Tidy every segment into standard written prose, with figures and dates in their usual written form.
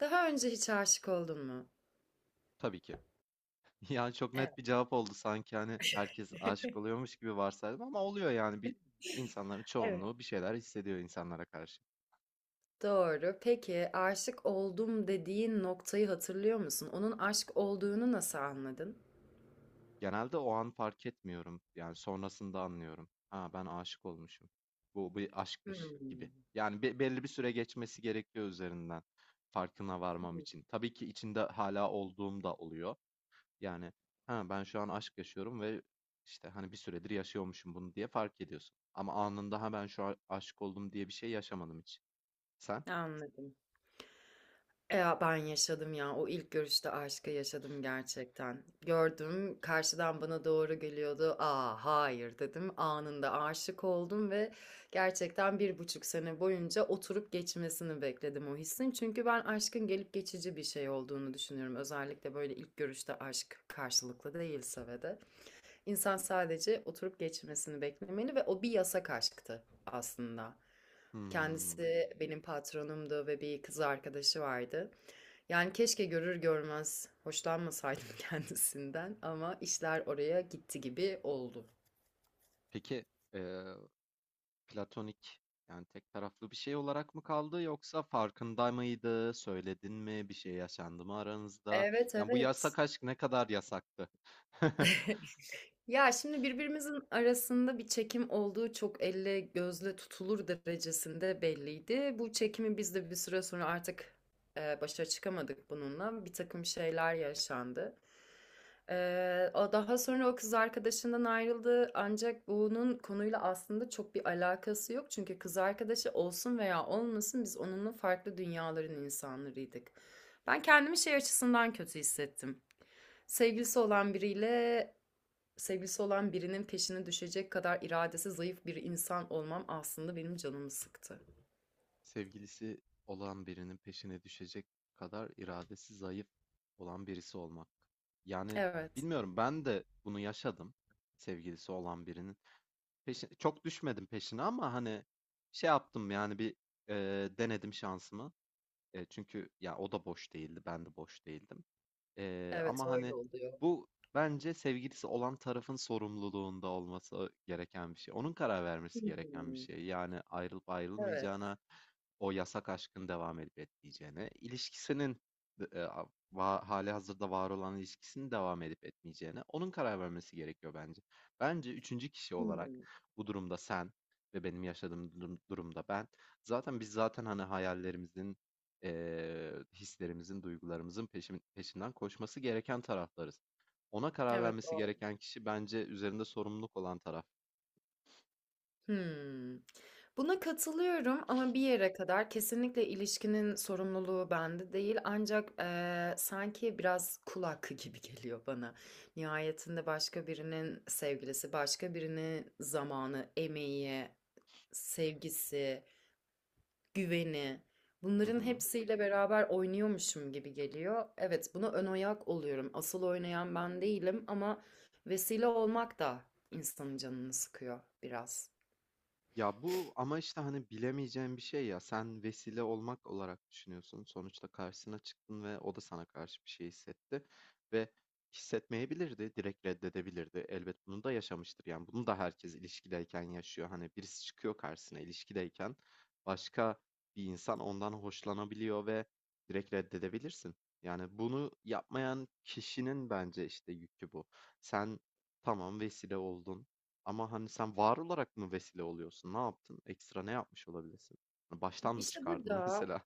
Daha önce hiç aşık oldun mu? Tabii ki. Yani çok net Evet. bir cevap oldu sanki, hani, herkes aşık oluyormuş gibi varsaydım ama oluyor yani insanların Evet. çoğunluğu bir şeyler hissediyor insanlara karşı. Doğru. Peki aşık oldum dediğin noktayı hatırlıyor musun? Onun aşk olduğunu nasıl anladın? Genelde o an fark etmiyorum. Yani sonrasında anlıyorum. Ha, ben aşık olmuşum. Bu bir aşkmış Hmm. gibi. Yani belli bir süre geçmesi gerekiyor üzerinden farkına varmam Hmm. için. Tabii ki içinde hala olduğum da oluyor. Yani, ha, ben şu an aşk yaşıyorum ve, işte, hani, bir süredir yaşıyormuşum bunu diye fark ediyorsun. Ama anında, ha, ben şu an aşık oldum diye bir şey yaşamadım hiç. Sen? Anladım. Ya ben yaşadım ya. O ilk görüşte aşkı yaşadım gerçekten. Gördüm, karşıdan bana doğru geliyordu. Aa, hayır dedim. Anında aşık oldum ve gerçekten bir buçuk sene boyunca oturup geçmesini bekledim o hissin. Çünkü ben aşkın gelip geçici bir şey olduğunu düşünüyorum. Özellikle böyle ilk görüşte aşk karşılıklı değilse ve de. İnsan sadece oturup geçmesini beklemeli ve o bir yasak aşktı aslında. Hımm. Kendisi benim patronumdu ve bir kız arkadaşı vardı. Yani keşke görür görmez hoşlanmasaydım kendisinden ama işler oraya gitti gibi oldu. Peki, eee, platonik, yani, tek taraflı bir şey olarak mı kaldı yoksa farkında mıydı? Söyledin mi? Bir şey yaşandı mı aranızda? Evet, Yani, bu evet. yasak aşk ne kadar yasaktı? Ya şimdi birbirimizin arasında bir çekim olduğu çok elle gözle tutulur derecesinde belliydi. Bu çekimi biz de bir süre sonra artık başa çıkamadık bununla. Bir takım şeyler yaşandı. E, O daha sonra o kız arkadaşından ayrıldı. Ancak bunun konuyla aslında çok bir alakası yok. Çünkü kız arkadaşı olsun veya olmasın biz onunla farklı dünyaların insanlarıydık. Ben kendimi şey açısından kötü hissettim, sevgilisi olan biriyle. Sevgilisi olan birinin peşine düşecek kadar iradesi zayıf bir insan olmam aslında benim canımı sıktı. Sevgilisi olan birinin peşine düşecek kadar iradesi zayıf olan birisi olmak. Yani, Evet. bilmiyorum, ben de bunu yaşadım. Sevgilisi olan birinin peşine çok düşmedim, peşine ama, hani, şey yaptım yani e, denedim şansımı. E, çünkü ya o da boş değildi, ben de boş değildim. Evet, Ama, öyle hani, oluyor. bu bence sevgilisi olan tarafın sorumluluğunda olması gereken bir şey. Onun karar vermesi gereken bir Hmm. şey. Yani, ayrılıp Evet. ayrılmayacağına, o yasak aşkın devam edip etmeyeceğine, ilişkisinin d a va hâlihazırda var olan ilişkisinin devam edip etmeyeceğine onun karar vermesi gerekiyor bence. Bence üçüncü kişi olarak Hmm. bu durumda sen, ve benim yaşadığım durumda ben, zaten biz zaten, hani, hayallerimizin, hislerimizin, duygularımızın peşinden koşması gereken taraflarız. Ona karar Evet, vermesi doğru. gereken kişi bence üzerinde sorumluluk olan taraf. Hmm. Buna katılıyorum ama bir yere kadar kesinlikle ilişkinin sorumluluğu bende değil. Ancak sanki biraz kul hakkı gibi geliyor bana. Nihayetinde başka birinin sevgilisi, başka birinin zamanı, emeği, sevgisi, güveni. Hı Bunların hı. hepsiyle beraber oynuyormuşum gibi geliyor. Evet, buna ön ayak oluyorum. Asıl oynayan ben değilim ama vesile olmak da insanın canını sıkıyor biraz. Ya bu ama, işte, hani, bilemeyeceğin bir şey ya. Sen vesile olmak olarak düşünüyorsun. Sonuçta karşısına çıktın ve o da sana karşı bir şey hissetti. Ve hissetmeyebilirdi, direkt reddedebilirdi. Elbet bunu da yaşamıştır. Yani bunu da herkes ilişkideyken yaşıyor. Hani birisi çıkıyor karşısına ilişkideyken, başka bir insan ondan hoşlanabiliyor ve direkt reddedebilirsin. Yani bunu yapmayan kişinin bence, işte, yükü bu. Sen, tamam, vesile oldun. Ama hani sen var olarak mı vesile oluyorsun? Ne yaptın? Ekstra ne yapmış olabilirsin? Hani, baştan mı İşte çıkardın burada mesela?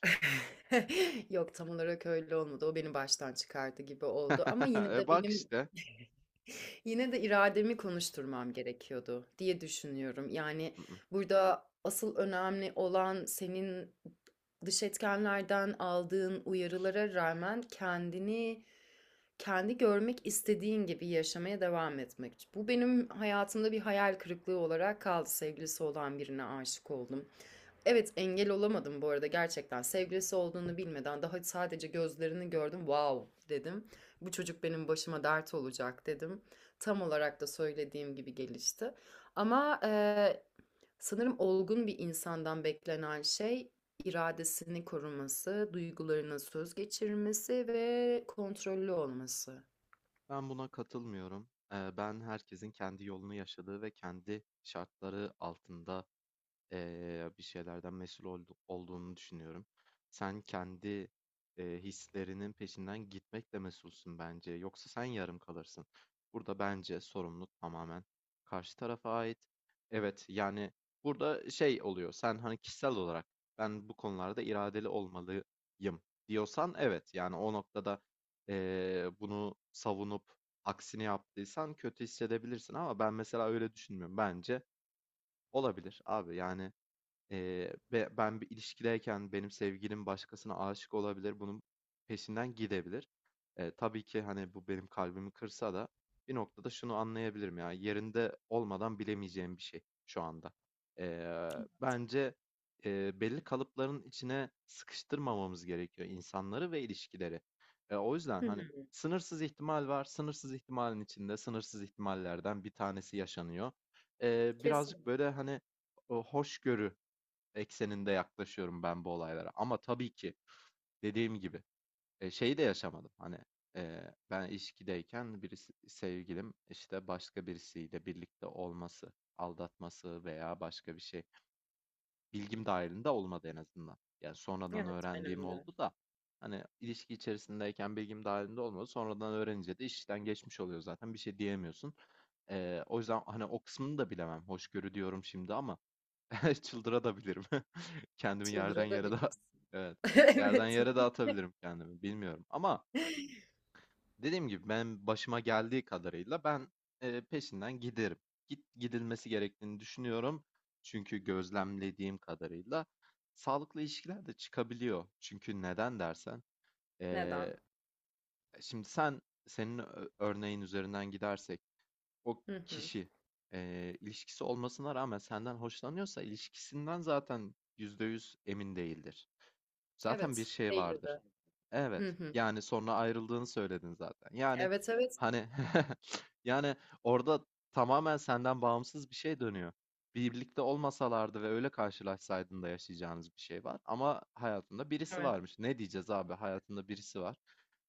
yok, tam olarak öyle olmadı. O beni baştan çıkardı gibi oldu ama yine E de bak benim işte. yine de irademi konuşturmam gerekiyordu diye düşünüyorum. Yani, Mm, mm. burada asıl önemli olan senin dış etkenlerden aldığın uyarılara rağmen kendini kendi görmek istediğin gibi yaşamaya devam etmek. Bu benim hayatımda bir hayal kırıklığı olarak kaldı. Sevgilisi olan birine aşık oldum. Evet, engel olamadım bu arada gerçekten. Sevgilisi olduğunu bilmeden daha sadece gözlerini gördüm. Wow dedim. Bu çocuk benim başıma dert olacak dedim. Tam olarak da söylediğim gibi gelişti. Ama sanırım olgun bir insandan beklenen şey iradesini koruması, duygularına söz geçirmesi ve kontrollü olması. Ben buna katılmıyorum. Ben herkesin kendi yolunu yaşadığı ve kendi şartları altında, bir şeylerden mesul olduğunu düşünüyorum. Sen kendi hislerinin peşinden gitmekle mesulsün bence. Yoksa sen yarım kalırsın. Burada bence sorumluluk tamamen karşı tarafa ait. Evet, yani burada şey oluyor. Sen, hani, kişisel olarak ben bu konularda iradeli olmalıyım diyorsan, evet. Yani o noktada bunu savunup aksini yaptıysan kötü hissedebilirsin ama ben mesela öyle düşünmüyorum. Bence olabilir abi, yani. Ve ben bir ilişkideyken benim sevgilim başkasına aşık olabilir, bunun peşinden gidebilir. Tabii ki, hani, bu benim kalbimi kırsa da bir noktada şunu anlayabilirim ya, yerinde olmadan bilemeyeceğim bir şey şu anda. Bence, belli kalıpların içine sıkıştırmamamız gerekiyor insanları ve ilişkileri. O yüzden, Hı hani, hı. sınırsız ihtimal var, sınırsız ihtimalin içinde sınırsız ihtimallerden bir tanesi yaşanıyor. Birazcık Kesin. böyle, hani, o hoşgörü ekseninde yaklaşıyorum ben bu olaylara. Ama tabii ki, dediğim gibi, şeyi de yaşamadım. Hani, e, ben ilişkideyken birisi sevgilim, işte, başka birisiyle birlikte olması, aldatması veya başka bir şey, bilgim dahilinde olmadı en azından. Yani sonradan Evet, öğrendiğim benim de. oldu da hani ilişki içerisindeyken bilgim dahilinde olmadı. Sonradan öğrenince de işten geçmiş oluyor zaten, bir şey diyemiyorsun. E, o yüzden, hani, o kısmını da bilemem. Hoşgörü diyorum şimdi ama çıldıra da bilirim. Kendimi yerden yere daha Çıldırabilirsin. Evet, yerden Evet. yere dağıtabilirim kendimi, bilmiyorum. Ama dediğim gibi, ben başıma geldiği kadarıyla ben, peşinden giderim. Gidilmesi gerektiğini düşünüyorum. Çünkü gözlemlediğim kadarıyla sağlıklı ilişkiler de çıkabiliyor. Çünkü neden dersen, eee, Neden? şimdi, senin örneğin üzerinden gidersek, o Hı hı. kişi, ilişkisi olmasına rağmen senden hoşlanıyorsa ilişkisinden zaten %100 emin değildir. Zaten bir Evet, şey vardır. değildi. Hı Evet. hı. Yani sonra ayrıldığını söyledin zaten. Yani, Evet, evet. hani, yani orada tamamen senden bağımsız bir şey dönüyor. Birlikte olmasalardı ve öyle karşılaşsaydın da yaşayacağınız bir şey var. Ama hayatında birisi Evet. varmış. Ne diyeceğiz abi? Hayatında birisi var.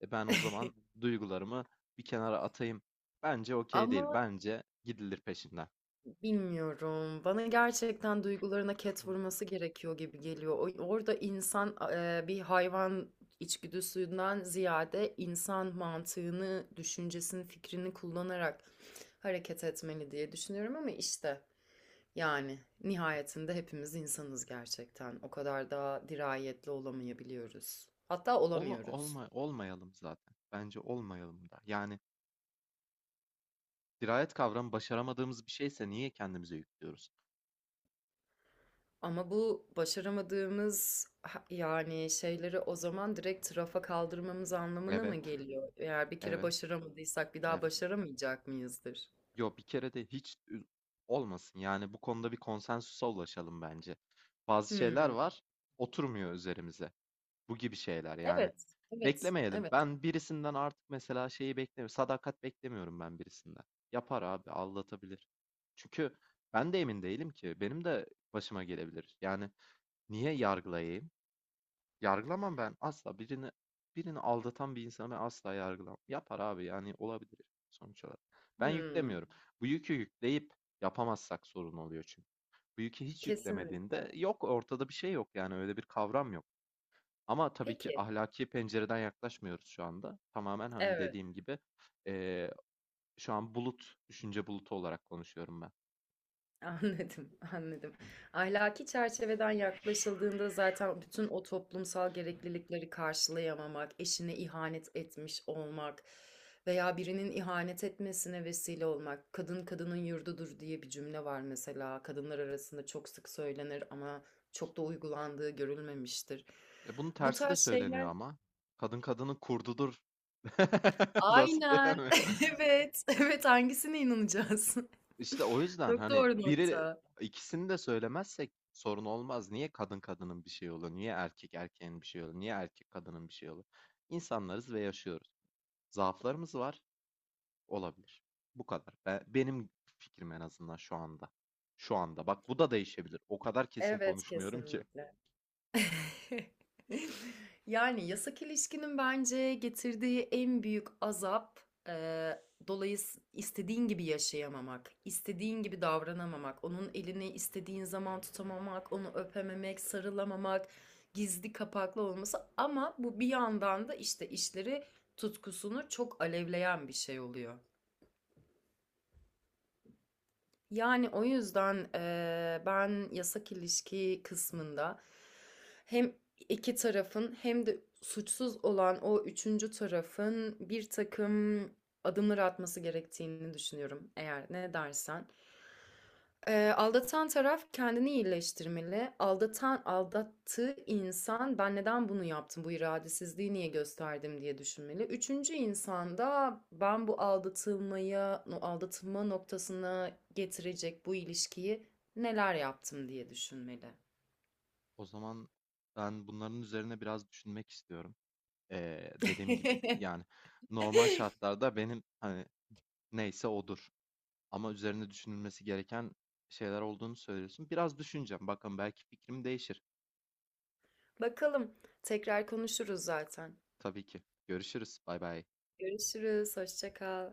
E ben o zaman duygularımı bir kenara atayım. Bence okey değil. Ama, Bence gidilir peşinden. bilmiyorum. Bana gerçekten duygularına ket vurması gerekiyor gibi geliyor. Orada insan bir hayvan içgüdüsünden ziyade insan mantığını, düşüncesini, fikrini kullanarak hareket etmeli diye düşünüyorum ama işte yani nihayetinde hepimiz insanız gerçekten. O kadar da dirayetli olamayabiliyoruz. Hatta olamıyoruz. Olmayalım zaten. Bence olmayalım da. Yani dirayet kavramı başaramadığımız bir şeyse niye kendimize yüklüyoruz? Ama bu başaramadığımız yani şeyleri o zaman direkt rafa kaldırmamız anlamına mı Evet, geliyor? Eğer bir kere evet, başaramadıysak bir daha evet. başaramayacak mıyızdır? Yo, bir kere de hiç olmasın. Yani bu konuda bir konsensüse ulaşalım bence. Bazı şeyler Hmm. var, oturmuyor üzerimize. Bu gibi şeyler yani. Evet, evet, Beklemeyelim. evet. Ben birisinden artık mesela şeyi beklemiyorum. Sadakat beklemiyorum ben birisinden. Yapar abi, aldatabilir. Çünkü ben de emin değilim ki. Benim de başıma gelebilir. Yani niye yargılayayım? Yargılamam ben asla. Birini aldatan bir insanı ben asla yargılamam. Yapar abi, yani olabilir sonuç olarak. Ben Hmm. yüklemiyorum. Bu yükü yükleyip yapamazsak sorun oluyor çünkü. Bu yükü hiç yüklemediğinde Kesinlikle. yok, ortada bir şey yok, yani öyle bir kavram yok. Ama tabii ki Peki, ahlaki pencereden yaklaşmıyoruz şu anda. Tamamen, hani, evet. dediğim gibi eee, şu an bulut, düşünce bulutu olarak konuşuyorum ben. Anladım, anladım. Ahlaki çerçeveden yaklaşıldığında zaten bütün o toplumsal gereklilikleri karşılayamamak, eşine ihanet etmiş olmak veya birinin ihanet etmesine vesile olmak, kadın kadının yurdudur diye bir cümle var mesela. Kadınlar arasında çok sık söylenir ama çok da uygulandığı görülmemiştir. E, bunun Bu tersi de tarz söyleniyor şeyler. ama. Kadın kadının kurdudur. Nasıl Aynen. yani? Evet. Evet, hangisine inanacağız? İşte o yüzden, Çok hani, doğru biri nokta. ikisini de söylemezsek sorun olmaz. Niye kadın kadının bir şey olur? Niye erkek erkeğin bir şey olur? Niye erkek kadının bir şey olur? İnsanlarız ve yaşıyoruz. Zaaflarımız var, olabilir. Bu kadar. Benim fikrim, en azından şu anda. Şu anda. Bak, bu da değişebilir. O kadar kesin Evet, konuşmuyorum ki. kesinlikle. Yani yasak ilişkinin bence getirdiği en büyük azap eee dolayıs istediğin gibi yaşayamamak, istediğin gibi davranamamak, onun elini istediğin zaman tutamamak, onu öpememek, sarılamamak, gizli kapaklı olması ama bu bir yandan da işte işleri tutkusunu çok alevleyen bir şey oluyor. Yani o yüzden ben yasak ilişki kısmında hem iki tarafın hem de suçsuz olan o üçüncü tarafın bir takım adımlar atması gerektiğini düşünüyorum eğer ne dersen. Aldatan taraf kendini iyileştirmeli. Aldatan aldattığı insan ben neden bunu yaptım, bu iradesizliği niye gösterdim diye düşünmeli. Üçüncü insan da ben bu aldatılmaya, no- aldatılma noktasına getirecek bu ilişkiyi neler yaptım diye düşünmeli. O zaman ben bunların üzerine biraz düşünmek istiyorum. Dediğim gibi, yani normal şartlarda benim, hani, neyse odur. Ama üzerine düşünülmesi gereken şeyler olduğunu söylüyorsun. Biraz düşüneceğim. Bakalım, belki fikrim değişir. Bakalım tekrar konuşuruz zaten. Tabii ki. Görüşürüz. Bay bay. Görüşürüz, hoşça kal.